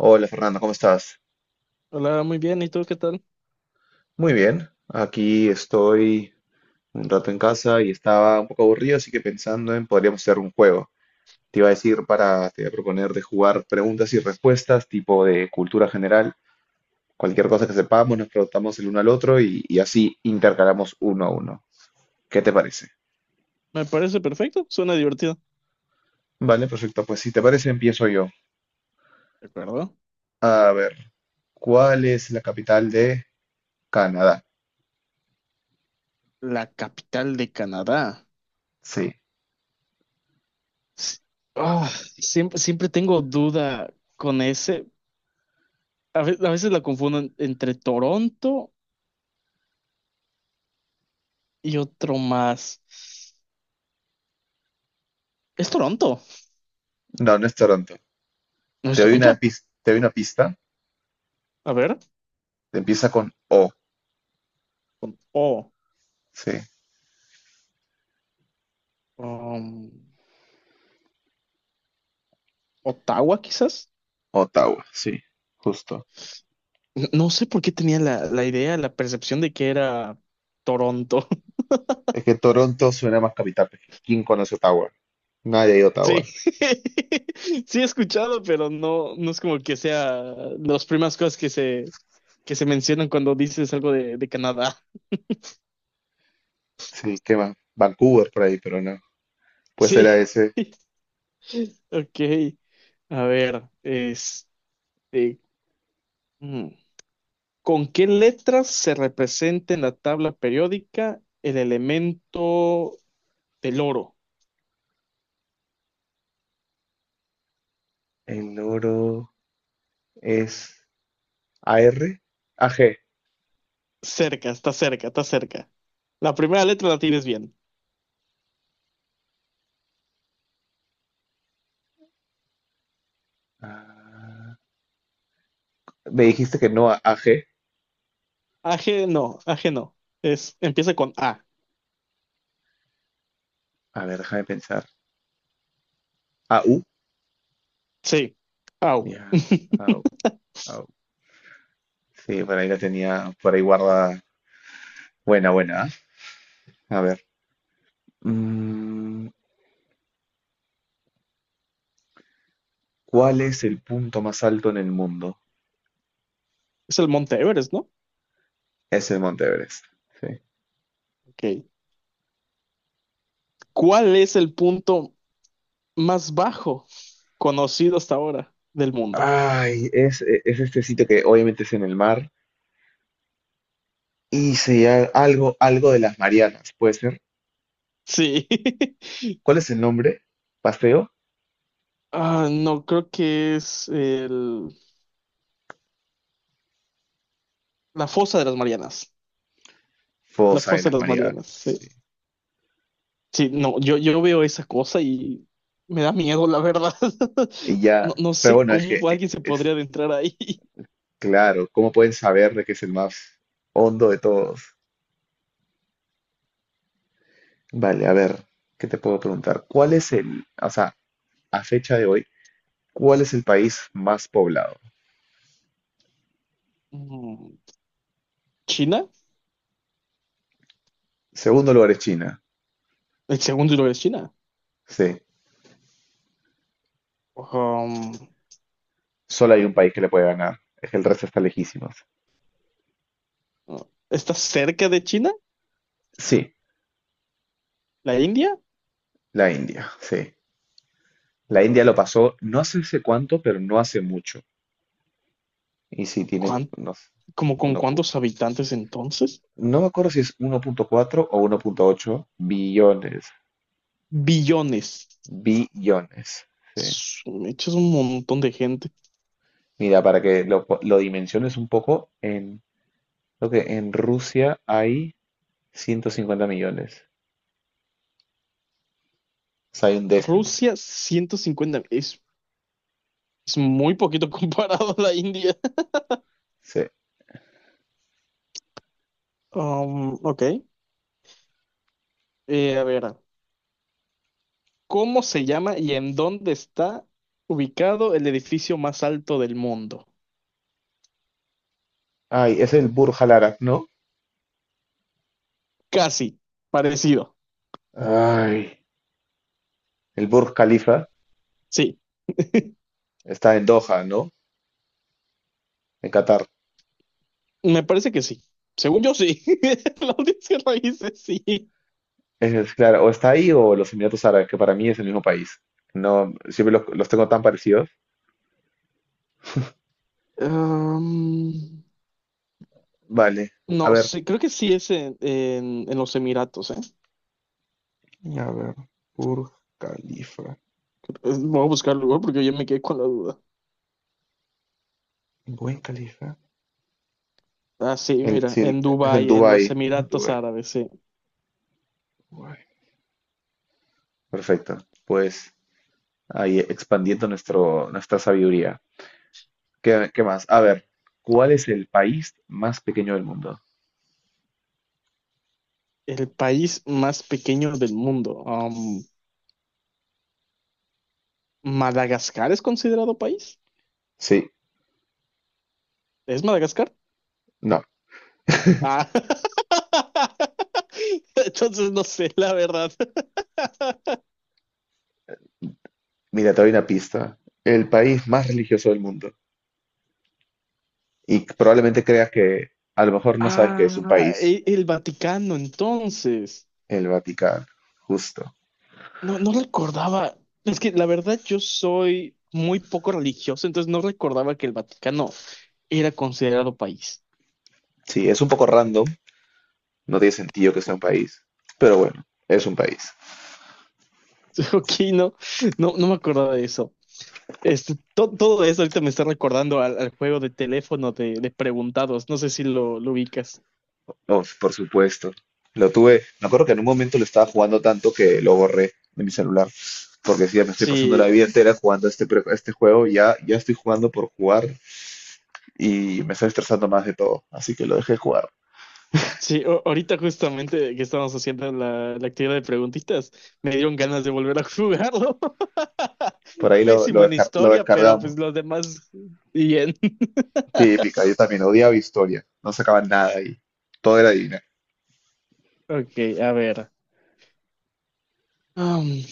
Hola Fernando, ¿cómo estás? Hola, muy bien. ¿Y tú qué tal? Muy bien, aquí estoy un rato en casa y estaba un poco aburrido, así que pensando en podríamos hacer un juego. Te iba a decir te iba a proponer de jugar preguntas y respuestas, tipo de cultura general, cualquier cosa que sepamos, nos preguntamos el uno al otro y así intercalamos uno a uno. ¿Qué te parece? Me parece perfecto. Suena divertido. Vale, perfecto, pues si te parece empiezo yo. ¿De acuerdo? A ver, ¿cuál es la capital de Canadá? La capital de Canadá. Sí, S- ah, siempre tengo duda con ese. A veces la confunden entre Toronto y otro más. ¿Es Toronto? no, no es Toronto. ¿No es Te doy una Toronto? pista, te doy una pista, A ver. empieza con O. Con O. Sí, um, Ottawa, quizás. Ottawa, sí, justo. No sé por qué tenía la idea, la percepción de que era Toronto. Es que Toronto suena más capital, porque ¿quién conoce Ottawa? Nadie de Sí, Ottawa. sí he escuchado, pero no, no es como que sea las primeras cosas que se mencionan cuando dices algo de Canadá. Sí, ¿qué más? Vancouver por ahí, pero no. Pues era Sí, ese. ok. A ver, este, mm, ¿con qué letras se representa en la tabla periódica el elemento del oro? El oro es A AR, AG. Cerca, está cerca, está cerca. La primera letra la tienes bien. Ah, me dijiste que no a AG. AG no, AG no. Es, empieza con A. A ver, déjame pensar. AU. Sí. Au. Ya, AU, AU. Sí, por ahí la tenía, por ahí guarda. Buena, buena. ¿Ah? A ver. Mm, ¿Cuál es el punto más alto en el mundo? Es el Monte Everest, ¿no? Es el Monte Everest. Sí. Ok. ¿Cuál es el punto más bajo conocido hasta ahora del mundo? Ay, es este sitio que obviamente es en el mar y se llama algo, algo de las Marianas, puede ser. Sí. ¿Cuál es el nombre? Paseo, Ah, no, creo que la fosa de las Marianas. La fosa de fosa de las las Marianas. Marianas, sí. Sí. Sí, no, yo veo esa cosa y me da miedo, la verdad. Y No, ya, no pero sé bueno, es que cómo es, alguien que- se es podría adentrar ahí. claro, ¿cómo pueden saber de que es el más hondo de todos? Vale, a ver, ¿qué te puedo preguntar? ¿Cuál es o sea, a fecha de hoy, cuál es el país más poblado? Mm, ¿China? Segundo lugar es China. El segundo lugar es China. Sí, Um, solo hay un país que le puede ganar, es que el resto está lejísimos. ¿Está cerca de China? Sí, ¿La India? Sí. La India lo pasó, no hace sé cuánto, pero no hace mucho. Y sí, tiene, no sé, ¿Como con uno pu- cuántos habitantes entonces? no me acuerdo si es 1.4 o 1.8 billones. Billones. Billones, sí. Su mecha, es un montón de gente. Mira, para que lo dimensiones un poco, creo que en Rusia hay 150 millones. O sea, hay un décimo. Rusia, 150 es muy poquito comparado a la India. Sí. Ok. A ver, ¿cómo se llama y en dónde está ubicado el edificio más alto del mundo? Ay, es el Burj Al Arab, ¿no? Casi, parecido. Ay, el Burj Khalifa Sí, está en Doha, ¿no? En Qatar. me parece que sí. Según yo, sí. La audiencia lo dice, sí. Claro, o está ahí o los Emiratos Árabes, que para mí es el mismo país. No, siempre los tengo tan parecidos. Um, Vale, a no, ver, sí, creo que sí es en los Emiratos, ¿eh? A ver, Burj Khalifa. Voy a buscar el lugar porque yo me quedé con la duda. Buen Khalifa. Ah, sí, mira, Sí, en es en Dubái, en Dubái, los en Emiratos Dubái. Árabes, sí. Guay. Perfecto, pues ahí expandiendo nuestra sabiduría. ¿Qué más? A ver, ¿cuál es el país más pequeño del mundo? El país más pequeño del mundo. ¿Madagascar es considerado país? Sí, ¿Es Madagascar? no, Ah. Entonces no sé, la verdad. mira, te doy una pista. El país más religioso del mundo, y probablemente creas que a lo mejor no sabes que es un Ah, país, el Vaticano, entonces. el Vaticano, justo. No, no recordaba. Es que la verdad yo soy muy poco religioso, entonces no recordaba que el Vaticano era considerado país. Sí, es un poco random, no tiene sentido que sea un país, pero bueno, es un país. Ok, no, no, no me acordaba de eso. Este, todo eso ahorita me está recordando al juego de teléfono de preguntados. No sé si lo ubicas. Oh, por supuesto. Lo tuve, me acuerdo que en un momento lo estaba jugando tanto que lo borré de mi celular, porque si ya me estoy pasando la Sí, vida entera jugando este juego, ya, ya estoy jugando por jugar y me estoy estresando más de todo, así que lo dejé jugar. sí, ahorita justamente que estábamos haciendo la actividad de preguntitas, me dieron ganas de volver a jugarlo. Por ahí lo, lo, Pésimo en descar- lo historia, pero descargamos. pues los demás bien. Típica, yo también odiaba historia, no sacaban nada ahí, todo era divina. Ok, a ver. Am,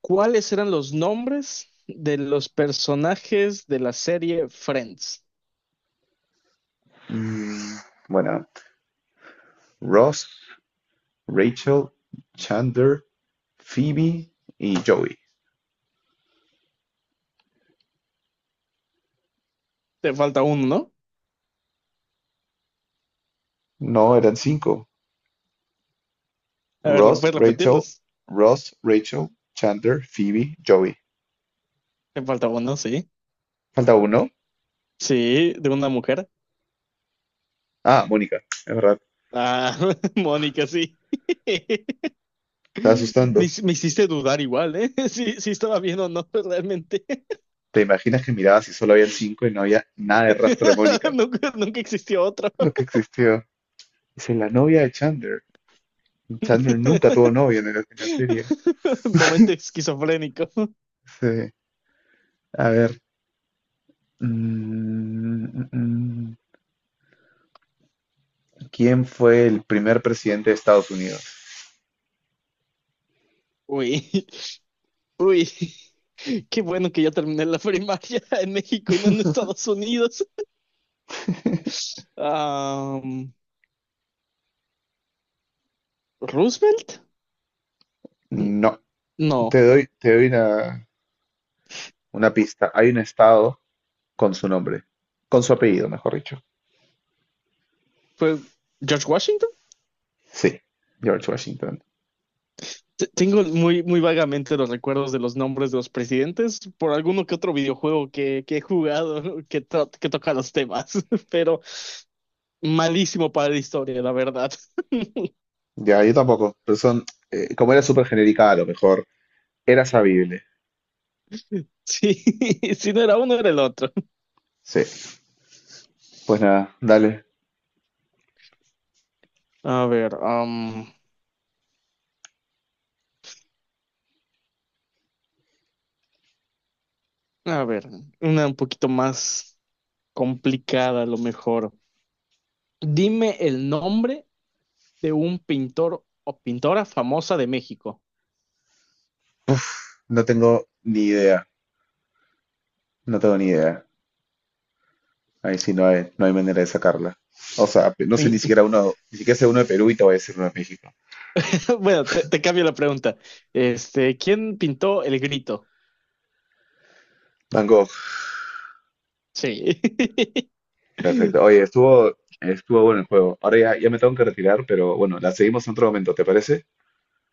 ¿cuáles eran los nombres de los personajes de la serie Friends? Mm, bueno, Ross, Rachel, Chandler, Phoebe y Joey. Te falta uno, ¿no? No, eran cinco. A ver, Ross, ¿puedes Rachel, repetirlos? Ross, Rachel, Chandler, Phoebe, Joey. Te falta uno, sí. ¿Falta uno? Sí, de una mujer. Ah, Mónica, es verdad, Ah, Mónica, sí. estaba Me, asustando. Me hiciste dudar igual, ¿eh? Sí, sí estaba bien o no, realmente. ¿Te imaginas que mirabas y solo habían cinco y no había nada de rastro de Mónica? Nunca, nunca existió otro. Lo que existió. Dice, la novia de Chandler. Chandler nunca tuvo novia en la serie. Momento esquizofrénico. Dice, a ver. Mm, mm, mm. ¿Quién fue el primer presidente de Estados Unidos? Uy. Uy, qué bueno que ya terminé la primaria en México y no en Estados Unidos. Am, ¿Roosevelt? No, No. te doy una pista. Hay un estado con su nombre, con su apellido, mejor dicho. ¿Fue George Washington? Sí, George Washington. Tengo muy vagamente los recuerdos de los nombres de los presidentes por alguno que otro videojuego que he jugado que, que toca los temas, pero malísimo para la historia, la verdad. Ya, yo tampoco, pero son, como era súper genérica, a lo mejor era sabible. Sí, si no era uno, era el otro. Sí, pues nada, dale. A ver, am, a ver, una un poquito más complicada a lo mejor. Dime el nombre de un pintor o pintora famosa de México. No tengo ni idea, no tengo ni idea. Ahí sí no hay, no hay manera de sacarla. O sea, no sé ni En- siquiera uno, ni siquiera sé uno de Perú y te voy a decir uno de México. Bueno, te cambio la pregunta. Este, ¿quién pintó El Grito? Van Gogh. Sí. Perfecto. Oye, estuvo bueno el juego. Ahora ya, ya me tengo que retirar, pero bueno, la seguimos en otro momento, ¿te parece?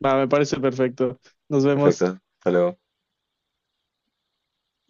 Va, me parece perfecto. Nos vemos. Perfecto. Hasta luego.